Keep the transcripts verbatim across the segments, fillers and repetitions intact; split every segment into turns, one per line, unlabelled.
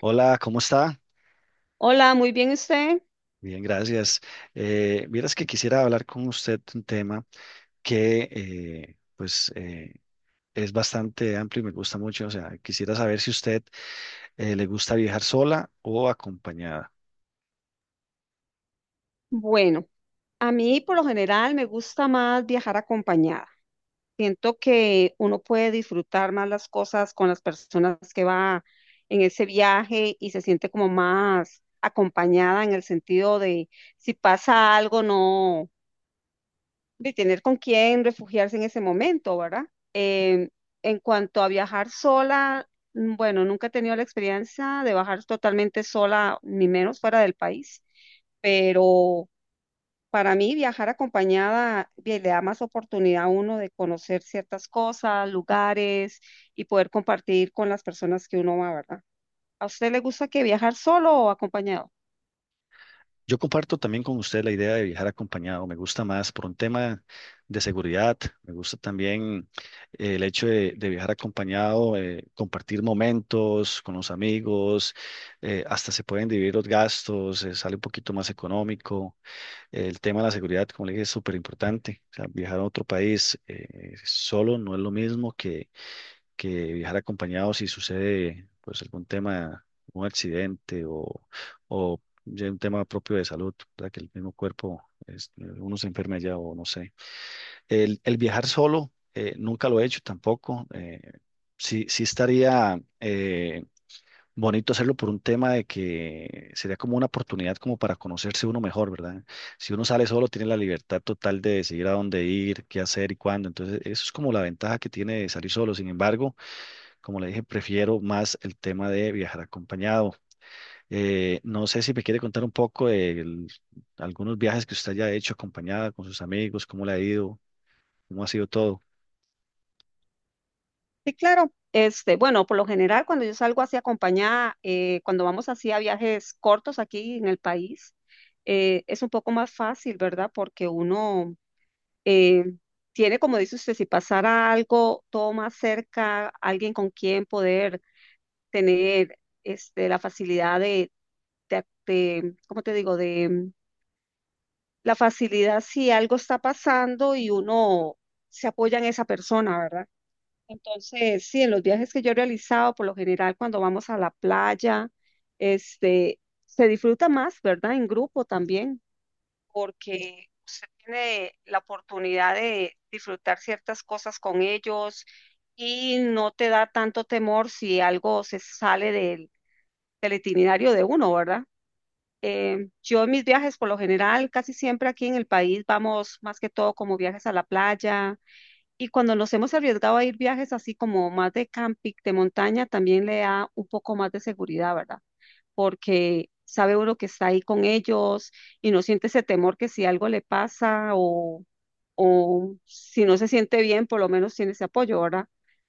Hola, ¿cómo está?
Hola, muy bien usted.
Bien, gracias. Eh, vieras que quisiera hablar con usted un tema que eh, pues eh, es bastante amplio y me gusta mucho. O sea, quisiera saber si usted eh, le gusta viajar sola o acompañada.
Bueno, a mí por lo general me gusta más viajar acompañada. Siento que uno puede disfrutar más las cosas con las personas que va en ese viaje y se siente como más acompañada en el sentido de si pasa algo, no, de tener con quién refugiarse en ese momento, ¿verdad? Em, en cuanto a viajar sola, mm, bueno, nunca he tenido la experiencia de bajar totalmente sola, ni menos fuera del país, pero para mí, viajar acompañada bien, le da más oportunidad a uno de conocer ciertas cosas, lugares y poder compartir con las personas que uno va, ¿verdad? ¿A usted le gusta que viajar solo o acompañado?
Yo comparto también con usted la idea de viajar acompañado. Me gusta más por un tema de seguridad. Me gusta también eh, el hecho de, de viajar acompañado, eh, compartir momentos con los amigos, eh, hasta se pueden dividir los gastos, eh, sale un poquito más económico. El tema de la seguridad, como le dije, es súper importante. O sea, viajar a otro país eh, solo no es lo mismo que, que viajar acompañado si sucede pues algún tema, un accidente o, o ya un tema propio de salud, ¿verdad? Que el mismo cuerpo, es- uno se enferma ya o no sé. El, el viajar solo, eh, nunca lo he hecho tampoco. Eh, sí, sí estaría... eh, bonito hacerlo por un tema de que sería como una oportunidad como para conocerse uno mejor, ¿verdad? Si uno sale solo, tiene la libertad total de decidir a dónde ir, qué hacer y cuándo. Entonces, eso es como la ventaja que tiene de salir solo. Sin embargo, como le dije, prefiero más el tema de viajar acompañado. Eh, no sé si me quiere contar un poco de el- algunos viajes que usted haya hecho acompañada con sus amigos, cómo le ha ido, cómo ha sido todo.
Sí, claro. Este, bueno, por lo general, cuando yo salgo así acompañada, eh, cuando vamos así a viajes cortos aquí en el país, eh, es un poco más fácil, ¿verdad? Porque uno eh, tiene, como dice usted, si pasara algo, todo más cerca, alguien con quien poder tener este, la facilidad de, de, de, ¿cómo te digo? De la facilidad si algo está pasando y uno se apoya en esa persona, ¿verdad? Entonces, sí, en los viajes que yo he realizado, por lo general, cuando vamos a la playa, este, se disfruta más, ¿verdad? En grupo también, porque usted tiene la oportunidad de disfrutar ciertas cosas con ellos y no te da tanto temor si algo se sale del del itinerario de uno, ¿verdad? Eh, yo en mis viajes, por lo general, casi siempre aquí en el país vamos más que todo como viajes a la playa, y cuando nos hemos arriesgado a ir viajes así como más de camping, de montaña, también le da un poco más de seguridad, ¿verdad? Porque sabe uno que está ahí con ellos y no siente ese temor que si algo le pasa o o si no se siente bien, por lo menos tiene ese apoyo, ¿verdad?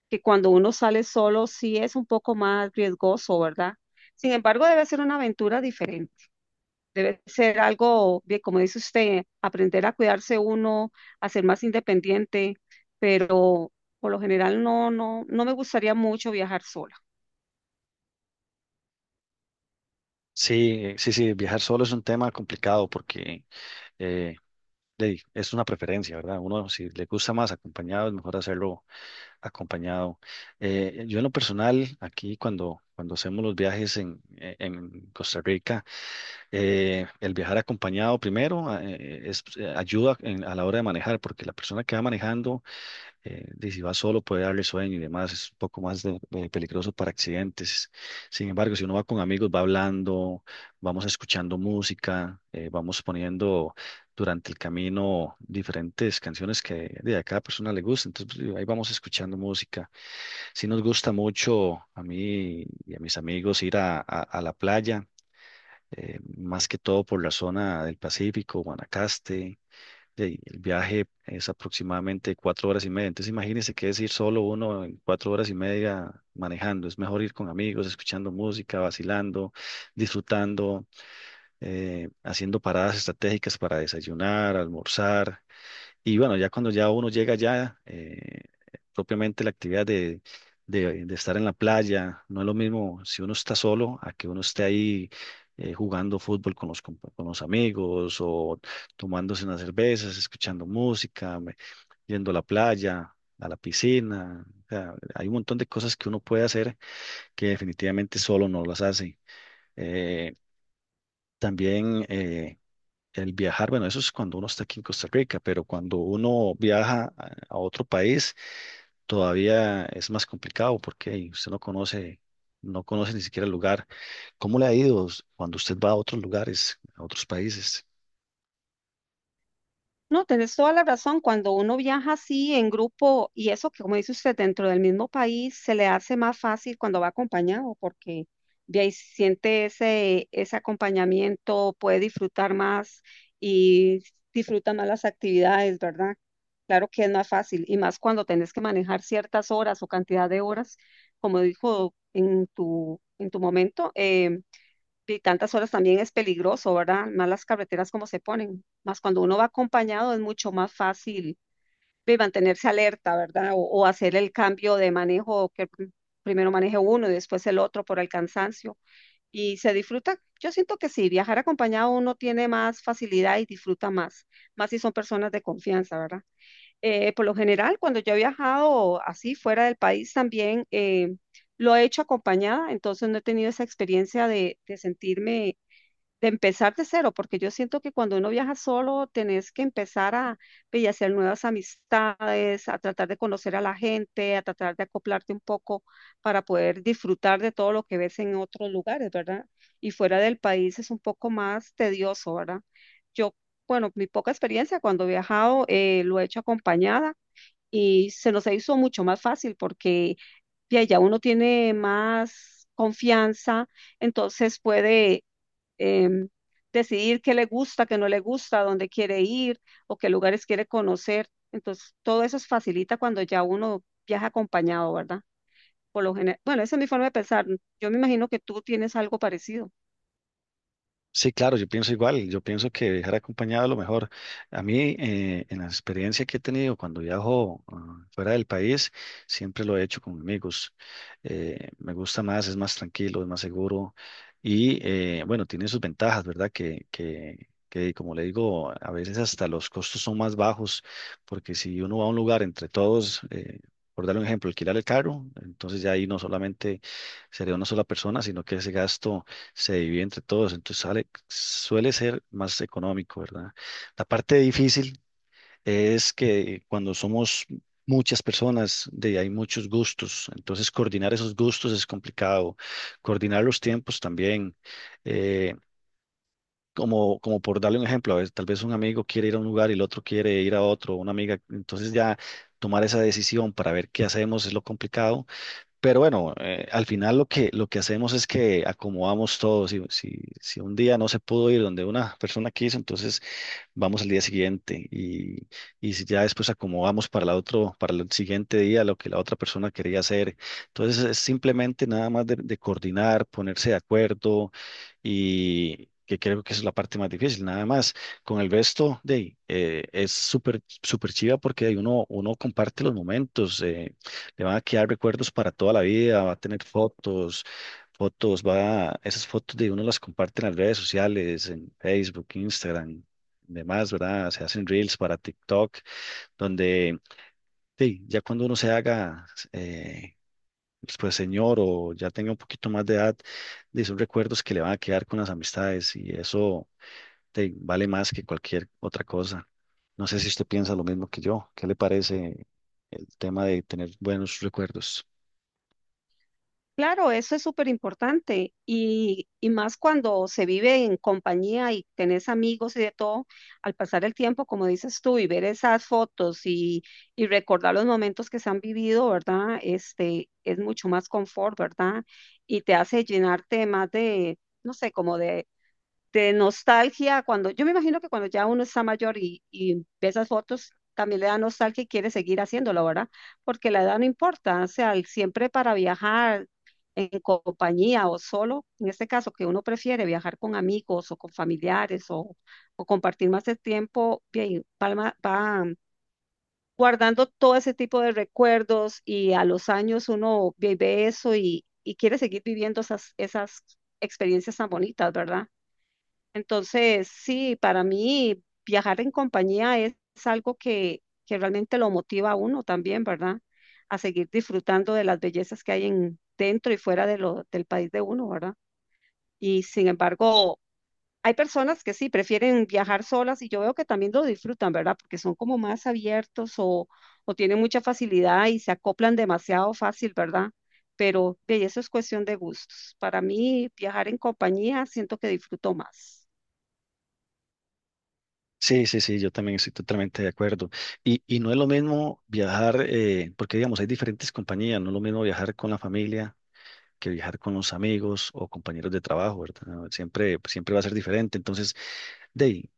Que cuando uno sale solo sí es un poco más riesgoso, ¿verdad? Sin embargo, debe ser una aventura diferente, debe ser algo, bien, como dice usted, aprender a cuidarse uno, a ser más independiente, pero por lo general no, no, no me gustaría mucho viajar sola.
Sí, eh, sí, sí, viajar solo es un tema complicado porque... eh, de- es una preferencia, ¿verdad? Uno, si le gusta más acompañado, es mejor hacerlo acompañado. Eh, yo en lo personal, aquí cuando, cuando hacemos los viajes en, eh, en Costa Rica, eh, el viajar acompañado primero eh, es, eh, ayuda en- a la hora de manejar, porque la persona que va manejando eh, de si va solo puede darle sueño y demás, es un poco más de- de peligroso para accidentes. Sin embargo, si uno va con amigos, va hablando, vamos escuchando música, eh, vamos poniendo durante el camino diferentes canciones que de a cada persona le gusta, entonces pues, ahí vamos escuchando música. Sí nos gusta mucho a mí y a mis amigos ir a, a- a la playa. Eh, más que todo por la zona del Pacífico, Guanacaste. Sí, el viaje es aproximadamente cuatro horas y media. Entonces imagínense que es ir solo uno en cuatro horas y media manejando. Es mejor ir con amigos, escuchando música, vacilando, disfrutando, eh, haciendo paradas estratégicas para desayunar, almorzar. Y bueno, ya cuando ya uno llega ya, eh, propiamente la actividad de, de- de estar en la playa, no es lo mismo si uno está solo a que uno esté ahí eh, jugando fútbol con los, compa- con los amigos o tomándose unas cervezas, escuchando música, me- yendo a la playa, a la piscina. O sea, hay un montón de cosas que uno puede hacer que definitivamente solo no las hace. Eh, también eh, el viajar, bueno, eso es cuando uno está aquí en Costa Rica, pero cuando uno viaja a a otro país, todavía es más complicado porque hey, usted no conoce, no conoce ni siquiera el lugar. ¿Cómo le ha ido cuando usted va a otros lugares, a otros países?
No, tenés toda la razón. Cuando uno viaja así en grupo y eso que, como dice usted, dentro del mismo país, se le hace más fácil cuando va acompañado porque de ahí siente ese, ese acompañamiento, puede disfrutar más y disfruta más las actividades, ¿verdad? Claro que es más fácil y más cuando tenés que manejar ciertas horas o cantidad de horas, como dijo en tu, en tu momento. Eh, y tantas horas también es peligroso, ¿verdad? Más las carreteras como se ponen. Más cuando uno va acompañado es mucho más fácil de mantenerse alerta, ¿verdad? O, o hacer el cambio de manejo, que pr- primero maneje uno y después el otro por el cansancio. Y se disfruta. Yo siento que sí, viajar acompañado uno tiene más facilidad y disfruta más, más si son personas de confianza, ¿verdad? Eh, por lo general, cuando yo he viajado así fuera del país también, eh, lo he hecho acompañada, entonces no he tenido esa experiencia de, de sentirme de empezar de cero, porque yo siento que cuando uno viaja solo, tenés que empezar a, ve, y hacer nuevas amistades, a tratar de conocer a la gente, a tratar de acoplarte un poco para poder disfrutar de todo lo que ves en otros lugares, ¿verdad? Y fuera del país es un poco más tedioso, ¿verdad? Yo, bueno, mi poca experiencia cuando he viajado, eh, lo he hecho acompañada y se nos hizo mucho más fácil porque ya, ya uno tiene más confianza, entonces puede em, decidir qué le gusta, qué no le gusta, dónde quiere ir o qué lugares quiere conocer. Entonces, todo eso se facilita cuando ya uno viaja acompañado, ¿verdad? Por lo general, bueno, esa es mi forma de pensar. Yo me imagino que tú tienes algo parecido.
Sí, claro, yo pienso igual, yo pienso que viajar acompañado es lo mejor. A mí, eh, en la experiencia que he tenido cuando viajo ah, fuera del país, siempre lo he hecho con amigos. Eh, me gusta más, es más tranquilo, es más seguro y eh, bueno, tiene sus ventajas, ¿verdad? Que, que, que como le digo, a veces hasta los costos son más bajos, porque si uno va a un lugar entre todos... eh, Por dar un ejemplo, alquilar el carro, entonces ya ahí no solamente sería una sola persona, sino que ese gasto se divide entre todos, entonces sale, suele ser más económico, ¿verdad? La parte difícil es que cuando somos muchas personas, de, hay muchos gustos, entonces coordinar esos gustos es complicado, coordinar los tiempos también. eh, Como, como por darle un ejemplo, a ver, tal vez un amigo quiere ir a un lugar y el otro quiere ir a otro, una amiga, entonces ya tomar esa decisión para ver qué hacemos es lo complicado, pero bueno, eh, al final lo que, lo que hacemos es que acomodamos todo. Si, si, si un día no se pudo ir donde una persona quiso, entonces vamos al día siguiente y, y si ya después acomodamos para la otro, para el siguiente día lo que la otra persona quería hacer. Entonces es simplemente nada más de, de coordinar, ponerse de acuerdo y que creo que esa es la parte más difícil, nada más. Con el resto de ahí, eh, es súper súper chiva porque ahí uno, uno comparte los momentos, eh, le van a quedar recuerdos para toda la vida, va a tener fotos fotos, va, esas fotos de uno las comparte en las redes sociales, en Facebook, Instagram, demás, ¿verdad? Se hacen reels para TikTok, donde sí, ya cuando uno se haga, eh, pues señor o ya tenga un poquito más de edad, de son recuerdos que le van a quedar con las amistades y eso sí, vale más que cualquier otra cosa. No sé si usted piensa lo mismo que yo. ¿Qué le parece el tema de tener buenos recuerdos?
Claro, eso es súper importante y, y más cuando se vive en compañía y tenés amigos y de todo, al pasar el tiempo, como dices tú, y ver esas fotos y, y recordar los momentos que se han vivido, ¿verdad? Este, es mucho más confort, ¿verdad? Y te hace llenarte más de, no sé, como de de nostalgia, cuando yo me imagino que cuando ya uno está mayor y, y ve esas fotos, también le da nostalgia y quiere seguir haciéndolo, ¿verdad? Porque la edad no importa, o sea, el- siempre para viajar en compañía o solo, en este caso que uno prefiere viajar con amigos o con familiares o, o compartir más el tiempo, bien, palma- va guardando todo ese tipo de recuerdos y a los años uno ve ve eso y, y quiere seguir viviendo esas, esas experiencias tan bonitas, ¿verdad? Entonces, sí, para mí viajar en compañía es, es algo que, que realmente lo motiva a uno también, ¿verdad? A seguir disfrutando de las bellezas que hay en, dentro y fuera de lo, del país de uno, ¿verdad? Y sin embargo, hay personas que sí prefieren viajar solas y yo veo que también lo disfrutan, ¿verdad? Porque son como más abiertos o, o tienen mucha facilidad y se acoplan demasiado fácil, ¿verdad? Pero de eso es cuestión de gustos. Para mí, viajar en compañía siento que disfruto más.
Sí, sí, sí, yo también estoy totalmente de acuerdo. Y, y no es lo mismo viajar, eh, porque digamos, hay diferentes compañías, no es lo mismo viajar con la familia que viajar con los amigos o compañeros de trabajo, ¿verdad? Siempre, siempre va a ser diferente. Entonces, de ahí,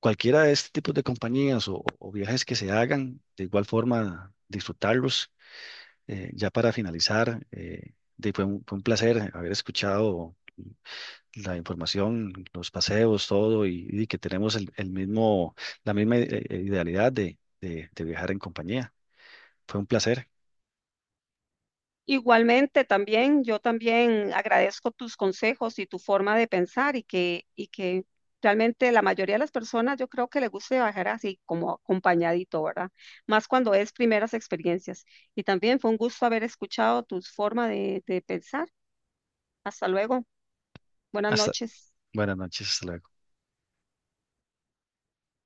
cualquiera de este tipo de compañías o, o viajes que se hagan, de igual forma disfrutarlos. Eh, ya para finalizar, eh, de- fue un, fue un placer haber escuchado la información, los paseos, todo, y, y que tenemos el, el mismo, la misma eh, eh, idealidad de, de de viajar en compañía. Fue un placer.
Igualmente, también, yo también agradezco tus consejos y tu forma de pensar y que, y que realmente la mayoría de las personas yo creo que les gusta viajar así como acompañadito, ¿verdad? Más cuando es primeras experiencias. Y también fue un gusto haber escuchado tu forma de, de pensar. Hasta luego. Buenas
Hasta
noches.
buenas noches. Hasta luego.